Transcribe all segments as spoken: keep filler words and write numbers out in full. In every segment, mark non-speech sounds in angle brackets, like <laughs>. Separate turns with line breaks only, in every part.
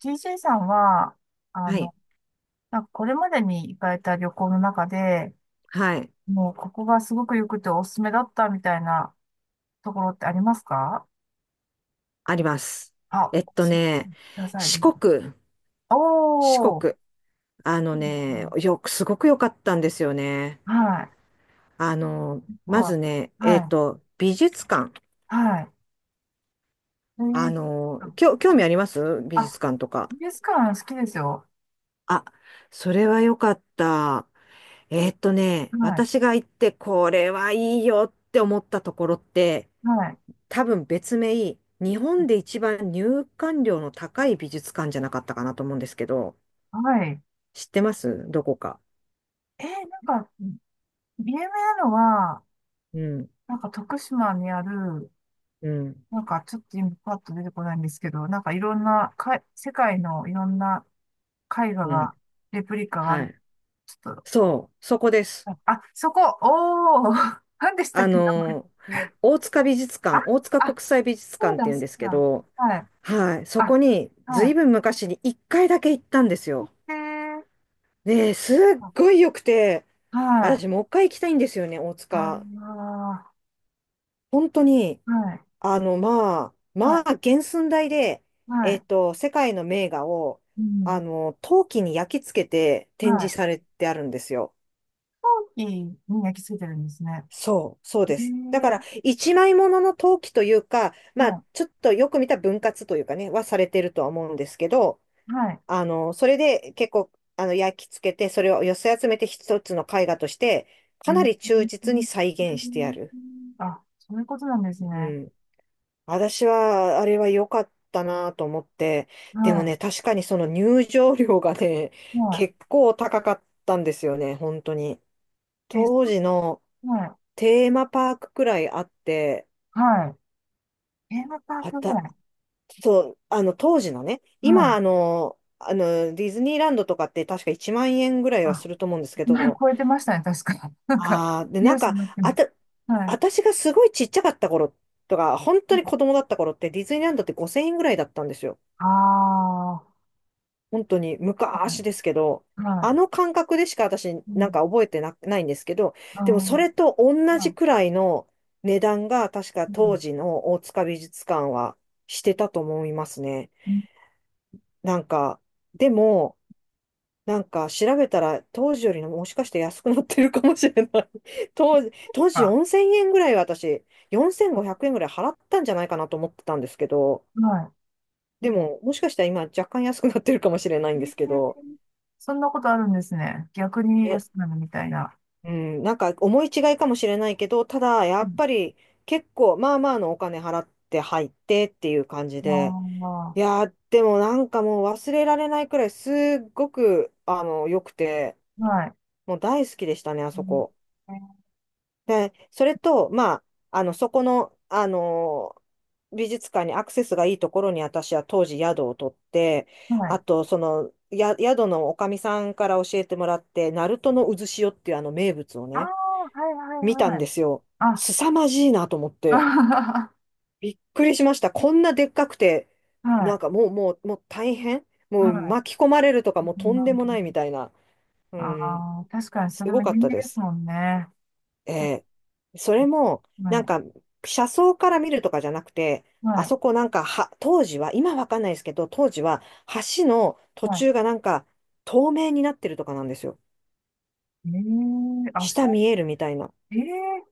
t c さんは、あ
はい。
の、なんかこれまでに行かれた旅行の中で、
はい。
もうここがすごく良くておすすめだったみたいなところってありますか？
あります。
あ、
えっと
教えて
ね、
ください、ぜ
四
ひ。
国、
お
四
ー、
国。あ
う
の
んう
ね、
ん
よく、すごく良かったんですよね。
はい。
あの、
ここ
まず
は
ね、え
は
っ
い、
と、美術館。
はい。え
あ
ー、
の、きょ、興味あります美
あ、
術館とか。
美術館好きですよ。
あ、それは良かった。えーっとね、
はい、
私が行って、これはいいよって思ったところって、
はい、
多分別名、日本で一番入館料の高い美術館じゃなかったかなと思うんですけど、
はい。
知ってますどこか？
えー、なんか、有名なのは、
うん、
なんか徳島にある、
うん、
なんかちょっと今パッと出てこないんですけど、なんかいろんな、か、世界のいろんな絵画
うん。
が、レプリカがあ
は
る。
い。
ちょっと、
そう、そこです。
あ、あそこ、おー、<laughs> 何でした
あ
っけ、名前。
の、大塚美術
あ、
館、大塚
あ、
国際美術
そう
館って
だ、
いうん
そ
です
う
け
だ。
ど、
はい。
はい、そこ
あ、
に
は
随
い。
分昔にいっかいだけ行ったんですよ。
で、
ねえ、すっ
あ、
ごい良くて、
は
私もう
い。
一回行きたいんですよね、大塚。
あ
本当に、
ー、はい、
あの、まあ、
は
まあ、
い、
原寸大で、
は
え
い。
っと、世界の名画を、
う
あ
ん、
の、陶器に焼き付けて展
はい。
示さ
飛
れてあるんですよ。
行機に焼き付いてるんですね。
そう、そう
え
です。だか
ー、
ら、一枚物の陶器というか、まあ、ちょっとよく見た分割というかね、はされてるとは思うんですけど、
はい。
あの、それで結構、あの、焼き付けて、それを寄せ集めて一つの絵画として、か
え
なり忠実
ー
に再現してある。
あ、そういうことなんですね。
うん。私は、あれは良かったなと思って、でも
は
ね、確かにその入場料がね、
い。は
結構高かったんですよね、本当に。
い。え、そ
当時の
うはい。
テーマパークくらいあって、
はい。テーマパー
あ
クぐら
た
い。
そう、あの、当時のね、
は
今、あ
い。
の、あの、ディズニーランドとかって確かいちまん円ぐらいは
あ、
すると思うんですけ
今
ど、
超えてましたね、確か。<laughs> なんか、
ああ、で、
ニュ
な
ー
ん
スに
か、
なって
あ
ます。
た、
はい。
私がすごいちっちゃかった頃とか、本当に子供だった頃ってディズニーランドってごせんえんぐらいだったんですよ。
ああ、
本当に
は
昔ですけど、
い。
あ
は
の感覚でしか私
い。う
なんか
ん。
覚えてな、ないんですけど、
あ
でもそれと
ー
同じ
あ、
くらいの値段が確か
う
当
ん。
時の大塚美術館はしてたと思いますね。
うん
なんか、でも、なんか調べたら当時よりのもしかして安くなってるかもしれない。 <laughs> 当時、当時
か。
よんせんえんぐらい私、よんせんごひゃくえんぐらい払ったんじゃないかなと思ってたんですけど、
は
でももしかしたら今若干安くなってるかもしれないんで
い。え
すけど、
ーそんなことあるんですね。逆に
え、
安くなるみたいな。
うん、なんか思い違いかもしれないけど、ただや
う
っ
ん。
ぱり結構まあまあのお金払って入ってっていう感じで、
あ
いやーでもなんかもう忘れられないくらいすっごくあの良くて、
あ、はい。
もう大好きでしたね、あ
う
そ
ん、
こ。
え
で、それと、まあ、あの、そこの、あの美術館にアクセスがいいところに私は当時宿を取って、
ーは
あ
い。
と、その、や、宿のおかみさんから教えてもらって、ナルトの渦潮っていうあの名物を
ああ、
ね、
はい
見
はい
た
は
ん
い。
ですよ。
あ、
凄まじいなと思って。
あ
びっくりしました。こんなでっかくて、
<laughs> は
な
い、
んかもう、もう、もう大変も
は
う
い。
巻き込まれるとかもうとんでもないみたいな。う
あ
ん。
あー、確かにそ
す
れ
ご
も
かっ
人
た
気
で
です
す。
もんね。あ
えーそれも、
は
なん
い、
か、車窓から見るとかじゃなくて、
は
あ
い、
そこなんかは、当時は、今わかんないですけど、当時は、橋の途
は
中がなんか、透明になってるとかなんですよ。
い。ええあ、
下
そ
見えるみたいな。
う、ええ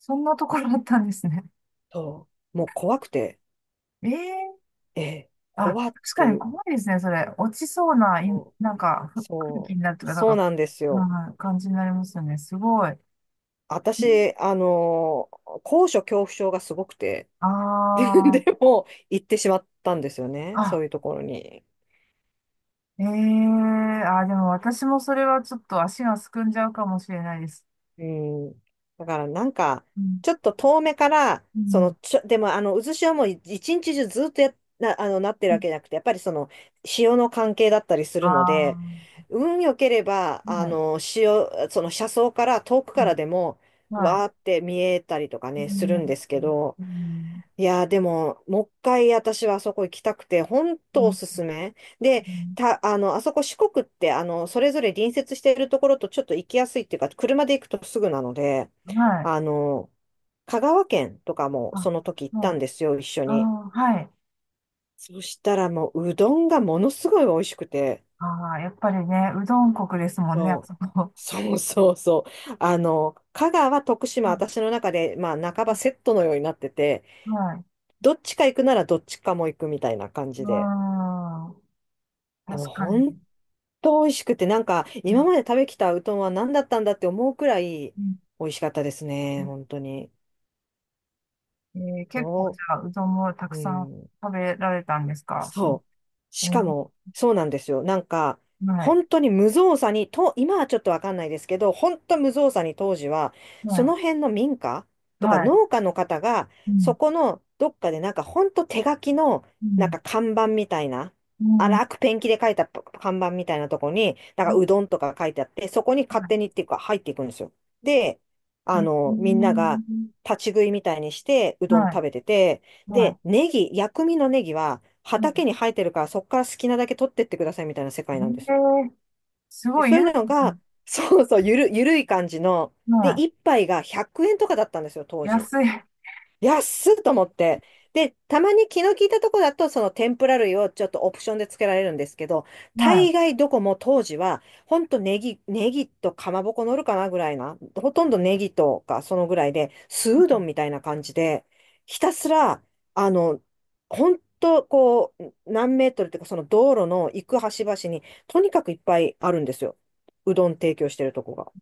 そんなところだったんですね。
そう。もう怖くて、
ええ
ええ、
あ、
怖っ
確か
てい
に
う。
怖いですね、それ。落ちそうな、い、
そう、
なんか、ふ空気
そ
になるとい
う
うか、なん
そう
か、
なんですよ。
はい、感じになりますよね。すごい。
私、あのー高所恐怖症がすごくて、<laughs> で
ああ
も、行ってしまったんですよね。
ー、
そう
あ、
いうところに。
ええあ、でも私もそれはちょっと足がすくんじゃうかもしれないです。
うん。だからなんか、
うん。
ちょっと遠目から、
う
その、
ん。
ちょ、でもあの、渦潮もい一日中ずっとや、な、あの、なってるわけじゃなくて、やっぱりその、潮の関係だったりす
あ
るので、
あ、
運良ければ、あ
はい、
の、潮、その車窓から、遠くか
は
ら
い、
でも、
はい。
わーって見えたりとか
う
ね、するん
ん、
ですけど、
うん、
いやー、でも、もう一回私はあそこ行きたくて、本
う
当お
ん、
すすめ。で、た、あの、あそこ四国って、あの、それぞれ隣接しているところとちょっと行きやすいっていうか、車で行くとすぐなので、
うんは
あ
い。
の、香川県とかも
あ、
その時行っ
は
たん
い。
ですよ、一緒
あ
に。
あ、はい。
そしたらもう、うどんがものすごい美味しくて。
ああ、やっぱりね、うどん国ですもんね、あ
そう
そこ。
そうそうそう。あの、香川、徳
う
島、
ん
私の中で、まあ、半ばセットのようになってて、
はい。
どっちか行くならどっちかも行くみたいな感
う
じで。
ん。
でも
確かに。
本当美味しくて、なんか
う
今
ん、
まで食べきたうどんは何だったんだって思うくらい
うん、
美味しかったですね、本当に。
えー、結構じ
ど
ゃあ、うどんもた
う、
く
う
さん
ん。
食べられたんですかその、
そう。
え
しか
ー
も、そうなんですよ。なんか、
はい。
本当に無造作に、と、今はちょっとわかんないですけど、本当無造作に当時は、
は
そ
い。
の辺の民家とか
はい。
農家の方が、
うん。
そこのどっかでなんか本当手書きの、
う
なん
ん。
か看板みたいな、
も
荒くペンキで書いた看板みたいなとこに、なん
う、
か
は
うどんとか書いてあって、そこに
い。
勝
は
手にっていうか入っていくんですよ。で、
い。
あ
え
の、みんなが
ー
立ち食いみたいにして、うどん
はい。
食べてて、
は
で、
い。
ネギ、薬味のネギは
は
畑に生えてるから、そこから好きなだけ取ってってくださいみたいな世
い。
界なんで
え
す。
ー、す
で
ごい、
そう
ゆ
い
る
うの
くて、
が、そうそう、ゆる、ゆるい感じの、で、
は
一杯がひゃくえんとかだったんですよ、
い。
当時。
安い。
安っと思って。で、たまに気の利いたとこだと、その天ぷら類をちょっとオプションで付けられるんですけど、
はい。
大概どこも当時は、ほんとネギ、ネギとかまぼこ乗るかなぐらいな、ほとんどネギとかそのぐらいで、酢うどんみたいな感じで、ひたすら、あの、ほんとこう、何メートルっていうか、その道路の行く端々に、とにかくいっぱいあるんですよ。うどん提供してるとこが。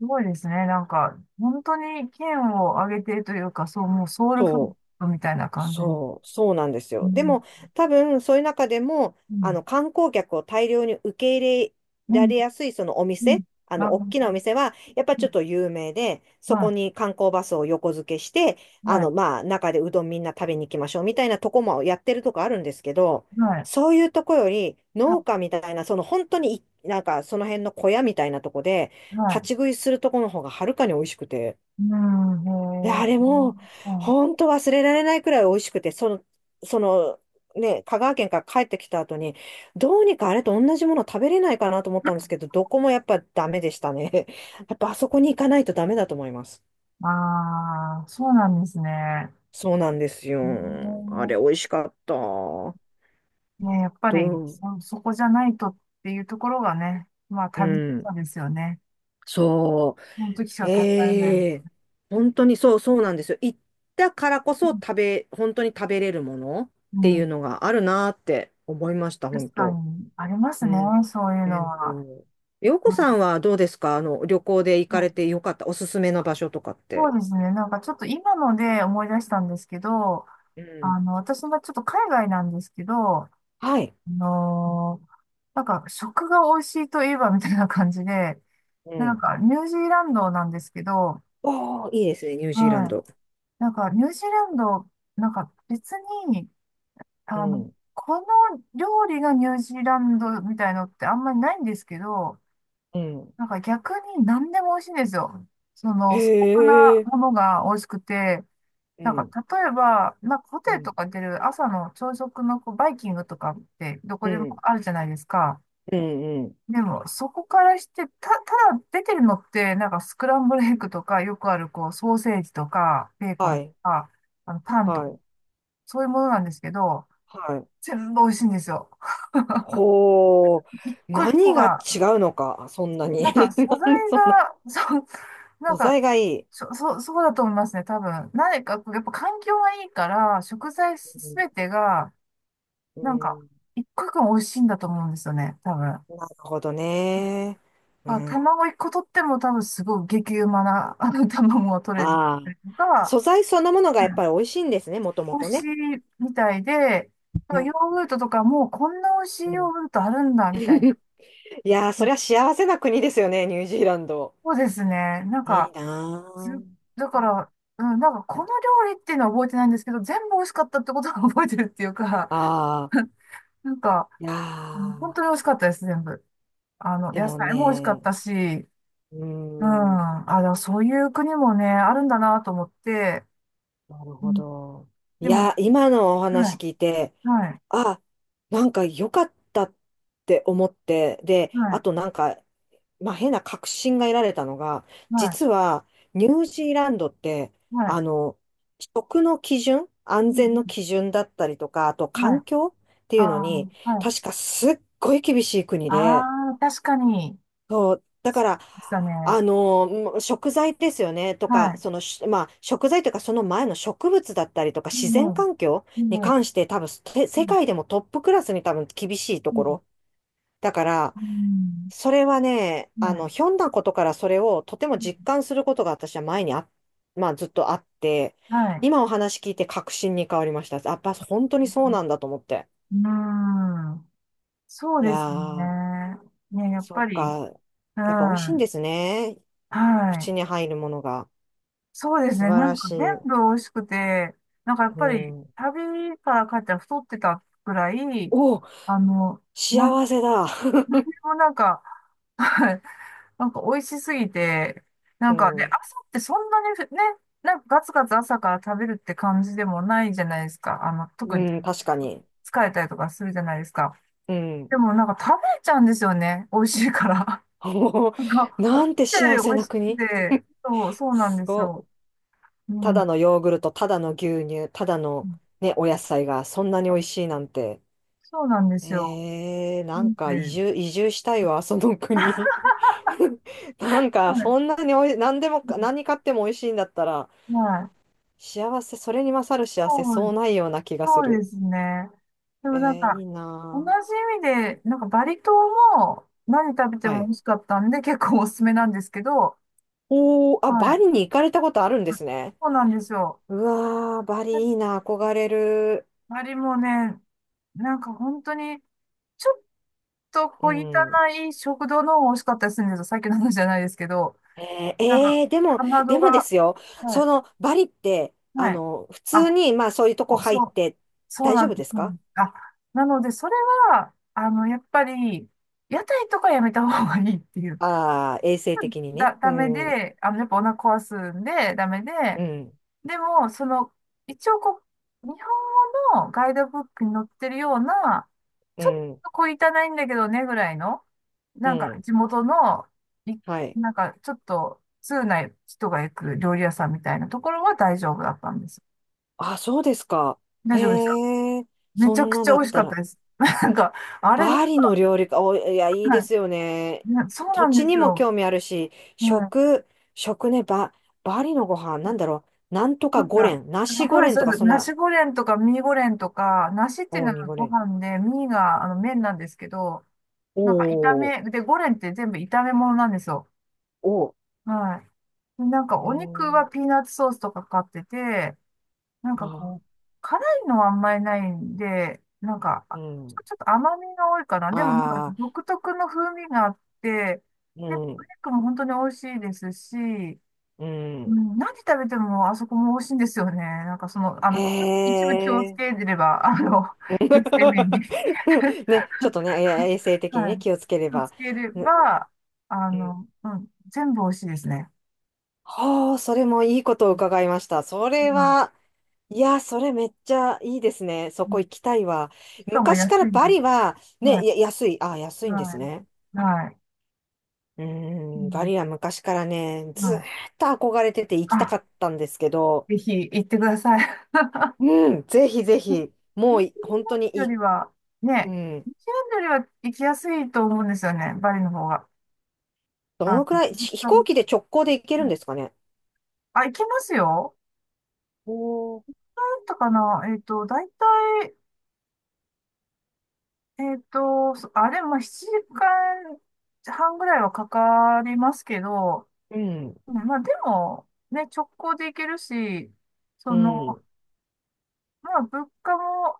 すごいですね。なんか、本当に県を挙げてというか、そう、もうソウルフー
そう。
ドみたいな感じ。うん。
そう、そうなんですよ。で
う
も、多分、そういう中でも、あ
ん。
の、観光客を大量に受け入れ
う
ら
ん。
れやすい、そのお
うん。
店、あ
な
の、
る
大
ほ
きなお
ど。
店は、やっぱ
う
ちょ
ん
っと有名で、そこ
は
に観光バスを横付けして、
い。
あ
は
の、
い。
まあ、中でうどんみんな食べに行きましょう、みたいなとこもやってるとこあるんですけど、
はい。
そういうとこより、農
は
家みたいな、その本当にい、なんか、その辺の小屋みたいなとこで、
い。は
立ち
い。
食いするとこの方がはるかに美味しくて、
うん。
い
へ
や、
え。
あれも、
うん。
本当忘れられないくらい美味しくて、その、その、ね、香川県から帰ってきた後に、どうにかあれと同じもの食べれないかなと思ったんですけど、どこもやっぱダメでしたね。<laughs> やっぱあそこに行かないとダメだと思います。
ああ、そうなんですね。へ
そうなんですよ。あれ美
え
味しかった。ど
ね、やっぱり
う
そ、そこじゃないとっていうところがね、まあ
う
旅
ん。
そうですよね。
そ
その時し
う。
か食べられない。
ええ、本当にそうそうなんですよ。行ったからこそ食べ、本当に食べれるものっ
う
て
ん、
い
う
うの
ん
があるなーって思いました、本
確か
当。
にあります
う
ね、
ん。
そういう
え
の
っ
は。
と、洋
う
子
ん
さんはどうですか？あの、旅行で行
う
かれ
ん
てよかった、おすすめの場所とかっ
そ
て。
うですね、なんかちょっと今ので思い出したんですけど、
うん。
あの、私がちょっと海外なんですけど、あ
はい。
のーなんか食が美味しいといえばみたいな感じで、
う
なん
ん。
かニュージーランドなんですけど、は
おー、いいですね、ニュージーラン
い。
ド。
なんかニュージーランド、なんか別に、
う
あの、
ん。
この料理がニュージーランドみたいのってあんまりないんですけど、
うん。
なんか逆に何でも美味しいんですよ。そ
へ
の素朴な
え。
ものが美味しくて、
う
なんか
ん。
例えば、なんかホテ
う
ル
ん。
とか出る朝の朝食のこうバイキングとかってど
う
こでも
ん。
あるじゃないですか。
うん。うん。
でもそこからして、た、ただ出てるのってなんかスクランブルエッグとかよくあるこうソーセージとかベーコ
は
ンと
い。
かあのパンと
は
か
い。
そういうものなんですけど、
はい。
全部美味しいんですよ。
ほー。
一個一個
何が違
が、
うのか、そんな
な
に。
んか素
<laughs>
材
なんでそんな。
が、<laughs> そう、なん
素
か、
材がいい。
そ、そう、そうだと思いますね、多分。何か、やっぱ環境がいいから、食材
う
すべ
ん。
てが、
う
なんか、
ん。
一個一個美味しいんだと思うんですよね、多分。
なるほどね。う
まあ、
ん。
卵一個取っても多分すごい激うまな、<laughs> あの、卵が取れ
あ
た
あ、
りとか、
素材そのものが
う
やっぱ
ん
り美味しいんですね、もとも
美味
と
し
ね。
いみたいで、
う
ヨ
ん。
ーグルトとかもうこんな美味し
う
いヨー
ん。
グルトあるんだ、みたいな。
<laughs> いやー、そりゃ幸せな国ですよね、ニュージーランド。
そうですね。なん
いい
か、
な
ず、
ー。
だから、うん、なんかこの料理っていうのは覚えてないんですけど、全部美味しかったってことは覚えてるっていうか、
ああ、
<laughs> なんか、
いや
うん本
ー、
当に美味しかったです、全部。あの、
で
野
も
菜も美味しかっ
ね、
たし、
うー
うん、
ん、
あ、でもそういう国もね、あるんだなと思って、
なる
う
ほ
ん、
ど。い
でも、
やー、今のお
は
話
い、
聞いて、
はい、
あ、なんか良かったって思って、で、
は
あ
い、
となんか、まあ、変な確信が得られたのが、
はい、
実はニュージーランドって、
は
あ
い、
の、食の基準、安
う
全の
ん
基準だったりとか、あと
はい、
環境って
あ
いうのに、
ー、はい、
確かすっごい厳しい国
あ
で、
あ確かに、
そう、だから、
でしたね。
あの、もう食材ですよね、と
は
か、
い、
その、し、まあ、食材というか、その前の植物だったりとか、
いい
自然
ね、
環境
いい
に
ね、
関して、多分、て
う
世
ん、
界でもトップクラスに多分厳しいと
う
こ
ん、
ろ。だから、
うん
それはね、
は
あ
い、
の、ひょんなことからそれをとても実感することが私は前にあ、まあずっとあって、
はい。
今お話聞いて確信に変わりました。やっぱ本当に
う
そう
ん。
なんだと思って。
うんそう
い
で
や
すね。
ー、
ね、やっ
そ
ぱ
う
り、
か。
う
やっぱ美味しいんで
ん。
すね。
は
口
い。
に入るものが。
そうです
素
ね。
晴
な
ら
んか
しい。
全部美味しくて、なんかやっ
う
ぱり
ん。
旅から帰ったら太ってたくらい、
お、
あの、なん、なん
幸せだ。
で
<laughs>
もなんか、はい。なんか美味しすぎて、な
う
んかね、
ん。
朝ってそんなにね、なんかガツガツ朝から食べるって感じでもないじゃないですか。あの、特
う
に
ん、確かに。
疲れたりとかするじゃないですか。
うん。
でもなんか食べちゃうんですよね。美味しいから。
<laughs> おー。
<laughs> なんか、思
な
っ
んて
た
幸
より美
せ
味
な
しく
国。
て、そう、そうなん
す
です
ご
よ。
っ。
う
ただ
ん。
のヨーグルト、ただの牛乳、ただのね、お野菜がそんなに美味しいなんて。
そうなんですよ。
えー、
う
なん
ん
か
で、
移住、移住したいわ、その国。<laughs> なんか
はい。
そんなにおい、何でもか、何買っても美味しいんだったら、
はい
幸せ、それに勝る幸せ、
そ
そ
う、
うないような気がす
そうで
る。
すね。で
え
もなん
ー、
か、
いい
同じ
なぁ。
意味で、なんかバリ島も何食べて
は
も美
い。
味しかったんで、結構おすすめなんですけど、
おー、あ、
は
バ
い。
リに行かれたことあるんですね。
そうなんですよ。
うわー、バリいいな、憧れる。
バリもね、なんか本当に、ちょっと
う
小汚
ん。
い食堂の方が美味しかったりするんですよ。さっきの話じゃないですけど、
えー、
なんか、
えーでも、
かま
で
ど
もで
が、
すよ、
は
そ
い、
のバリって、あ
はい。
の、普通
あ、
に、まあそういうと
そ
こ
う
入
そ
っ
う、
て
そう
大
な
丈
んで
夫で
す。
す
そうなん
か。
です。あ、なので、それは、あの、やっぱり、屋台とかやめた方がいいっていう。
ああー、衛生的にね。
だ、
う
ダメ
ん、う
で、あの、やっぱお腹壊すんで、ダメで、
ん、
でも、その、一応こう、日本語のガイドブックに載ってるような、
う
ちょっ
ん、
と小汚いんだけどねぐらいの、
う
なんか
ん。
地元の、い
はい。
なんかちょっと通な人が行く料理屋さんみたいなところは大丈夫だったんです。
あ、そうですか。
大
へ
丈夫でした。
え、
め
そ
ちゃ
ん
く
な
ちゃ
だ
美
っ
味しか
た
った
ら。
です。<laughs> なんか、あれ、は
バリの料理か、お、いや、いいですよね。
いねそうな
土
んで
地
す
にも
よ。
興味あるし、
うん。
食、食ね、バ、バリのご飯、なんだろう。なんと
な
か
ん
ゴレ
か、
ン、ナシ
そ
ゴ
うで
レ
す、
ン
そ
と
う
か、
です。
そん
ナ
な、
シゴレンとかミーゴレンとか、ナシっていう
おー
の
ミ
は
ゴ
ご
レン。
飯で、ミーがあの麺なんですけど、
お
なんか炒
ー。
め、で、ゴレンって全部炒め物なんですよ。
おー。
はい。で、なんか
え
お肉
ー、
はピーナッツソースとかかってて、なんか
あ、
こう、辛いのはあんまりないんで、なんか、
う
ち
ん。
ょ、ちょっと甘みが多いかな。でも、なんか
ああ、
独特の風味があって、
う
で、お
ん、
肉も本当に美味しいですし、
う
う
ん。
ん、何食べてもあそこも美味しいんですよね。なんかその、あの、
へ
一部気をつけ
え。
れば、あの、<laughs> 衛生面
<laughs>
に。<laughs>
ね、ちょっとね、え、衛生的に
は
ね、
い。
気をつけれ
気をつ
ば。
けれ
ね。
ば、あ
うん。
の、うん、全部美味しいですね。
はあ、それもいいことを伺いました。それ
は
は、いや、それめっちゃいいですね。そ
い。
こ行きたいわ。
しかも
昔
安
から
いで
バリは、
す。は
ね、
い。
や、安い。あ、安いんで
は
すね。
い。はい。
うー
う
ん、バ
ん、
リは昔からね、
は
ずーっ
い。
と憧れてて行きたか
あ、
ったんですけど、
ぜひ行ってください。
うん、ぜひぜひ、
<laughs>
もうい本当に
よ
い、
りは、
う
ね、
ん、
ニュージーランドよりは行きやすいと思うんですよね、バリの方が。
ど
あ
の
の、
くらい、
ずっ
し
と、
飛
は
行
い、
機で直行で行けるんですかね。
あ、行きますよ。
おー、
なんとかな、えっと、だいたい、えっと、そあれもななじかんはんぐらいはかかりますけど、
うん、
うん、まあでも、ね、直行で行けるし、
う
その、
ん、
まあ物価も、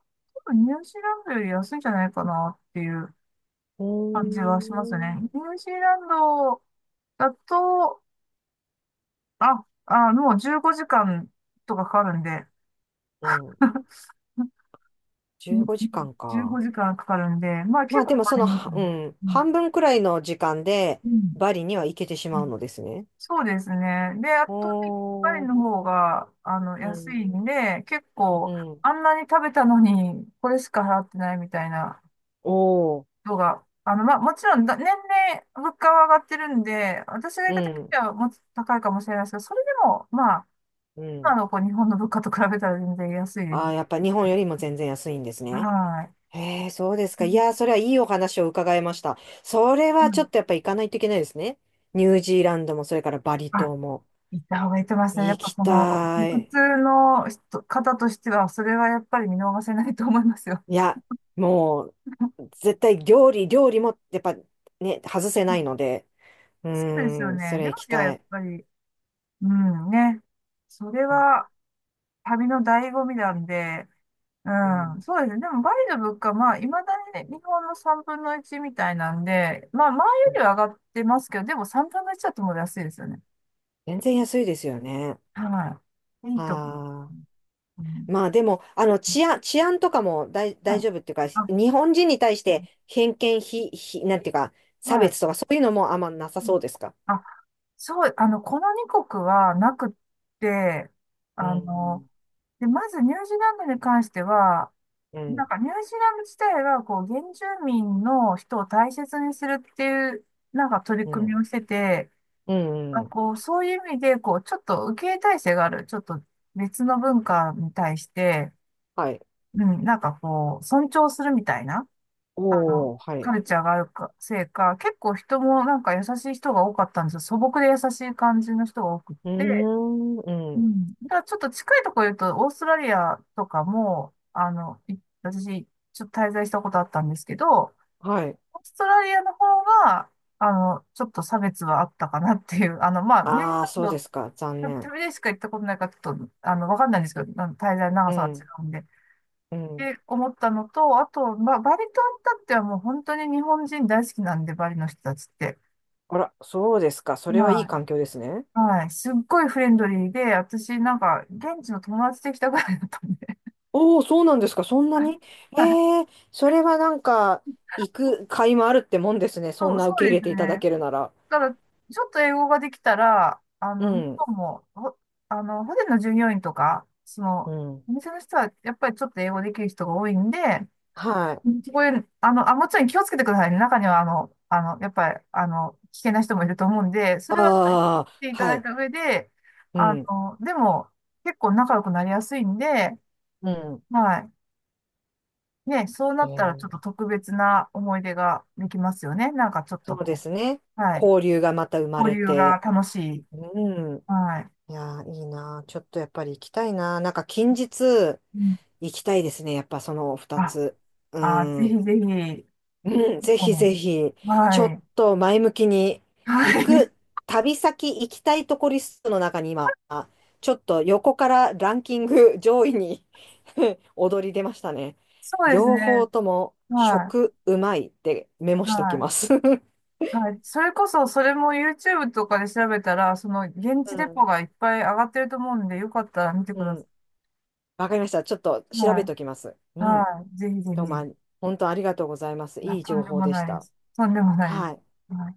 多分ニュージーランドより安いんじゃないかなっていう
お
感じはしますね。ニュ
ー、
ージーランドだと、あ、あ、もうじゅうごじかんとかかかるんで、
うん、
<laughs>
じゅうごじかんか
15
んか。
時間かんかかるんで、まあ
ま
結
あで
構
も
か
そ
かり
の、
ます
はう
ね。
ん、
うん。
半分くらいの時間で
うん。
バリには行けてしまうのですね。
そうですね。で、圧倒的にパリ
おー、
の方が、あの、
う
安
ん、
いんで、結
う
構、
ん、
あんなに食べたのに、これしか払ってないみたいな
おー、
人が、あの、まあ、もちろんだ、年々物価は上がってるんで、私が行
う
った時
ん、
はもっと高いかもしれないですけど、それでも、まあ、
う
今
ん。
のこう日本の物価と比べたら全然安いで
ああ、
す。
やっぱ日本よりも全然安いんですね。
は
へえ、そうですか。いやー、
い。
それはいいお話を伺いました。それ
う
はちょ
ん、
っとやっぱ行かないといけないですね。ニュージーランドも、それからバリ
あ、
島も。
行った方がいいと思いますね。やっ
行
ぱ
き
この、
た
普
い。
通の人、方としては、それはやっぱり見逃せないと思いますよ。
いや、もう、絶対料理、料理も、やっぱね、外せないので、う
そうですよ
ーん、そ
ね。
れ
料
行き
理はや
た
っ
い。
ぱり、うんね。それ
う
は旅の醍醐味なんで、う
ん、
ん、そうですね。でもバリの物価、まあ、いまだに、ね、日本のさんぶんのいちみたいなんで、まあ、前
う
よ
ん。
りは上がってますけど、でもさんぶんのいちだともう安いですよね。
全然安いですよね。
はい。いいと思う。
はあ。
うん、
まあでも、あの、治安、治安とかも大、
は
大
い。
丈夫っていうか、
あ、
日本人に対して偏見、ひ、ひ、なんていうか、
は
差
い。
別とかそういうのもあんまなさそうですか。
あ、そう、あの、このに国はなくって、
う
あの、
ん、
で、まずニュージーランドに関しては、
う
な
ん、
んかニュージーランド自体がこう原住民の人を大切にするっていうなんか取り
う
組み
ん、
をしてて、
う
ま
ん、
あ、
うん、
こうそういう意味でこうちょっと受け入れ体制がある、ちょっと別の文化に対して、
はい。
うん、なんかこう尊重するみたいな、あの、
おー、はい。
カ
う
ルチャーがあるか、せいか、結構人もなんか優しい人が多かったんですよ。素朴で優しい感じの人が多くっ
ー
て、
ん、
う
うん、
ん。だからちょっと近いところ言うと、オーストラリアとかも、あの、い私、ちょっと滞在したことあったんですけど、
はい。
オーストラリアの方が、あの、ちょっと差別はあったかなっていう、<laughs> あの、まあ、ニュージー
ああ、
ラン
そうで
ド、
すか。残
た
念。
旅でしか行ったことないから、ちょっと、あの、わかんないんですけど、あの滞在の長
う
さが違
ん、
うんで。っ
うん。
て思ったのと、あと、まあ、バリ島ったってはもう本当に日本人大好きなんで、バリの人たちって。
あら、そうですか。それはい
は
い環境ですね。
いはい。すっごいフレンドリーで、私なんか、現地の友達できたぐらいだったんで、
おー、そうなんですか。そんな
はい、
に。え
はい、
えー、それはなんか、行く甲斐もあるってもんですね。そ
そ
ん
う、
な
そ
受け
うで
入
す
れていただ
ね。
けるなら。
ただちょっと英語ができたら、あ
う
の、向こ
ん、
うも、ほあの、ホテルの従業員とか、そ
う
の、
ん、
お店の人は、やっぱりちょっと英語できる人が多いんで、
はい。
こういう、あの、あ、もちろん気をつけてくださいね。中には、あの、あの、やっぱり、あの、危険な人もいると思うんで、それは、やっ
ああ、
っていた
は
だい
い。
た上で、
う
あ
ん、
の、でも、結構仲良くなりやすいんで、
うん。
はい。ね、そうな
え
ったら、ちょっ
ー、
と特別な思い出ができますよね。なんか、ちょっ
そ
と
うで
こ
すね。
う、はい。
交流がまた生ま
交
れ
流が
て。
楽しい。
うん。
はい。
いやー、いいなー。ちょっとやっぱり行きたいなー。なんか近日
うん。
行きたいですね。やっぱその二
あ、
つ。う
あ、ぜひ
ん。
ぜひ、
うん、ぜ
う
ひぜ
ん、
ひ、ちょ
は
っ
い。
と前向きに
は
行
い。<laughs>
く、旅先行きたいとこリストの中に今、ちょっと横からランキング上位に <laughs> 躍り出ましたね。
そうです
両方
ね。
とも
は
食うまいってメモ
い。
しとき
は
ま
い。
す。<laughs> う
はい。それこそ、それも YouTube とかで調べたら、その、現
ん、
地レポがいっぱい上がってると思うんで、よかったら見てく
う
ださ
ん。わかりました。ちょっと
い。
調
は
べ
い。
ときます。うん。
はい。ぜひぜひ。
どうも
い
あり、本当ありがとうございます。
や
いい
と
情
んで
報
も
でし
ないで
た。
す。とんでもないで
はい。
す。はい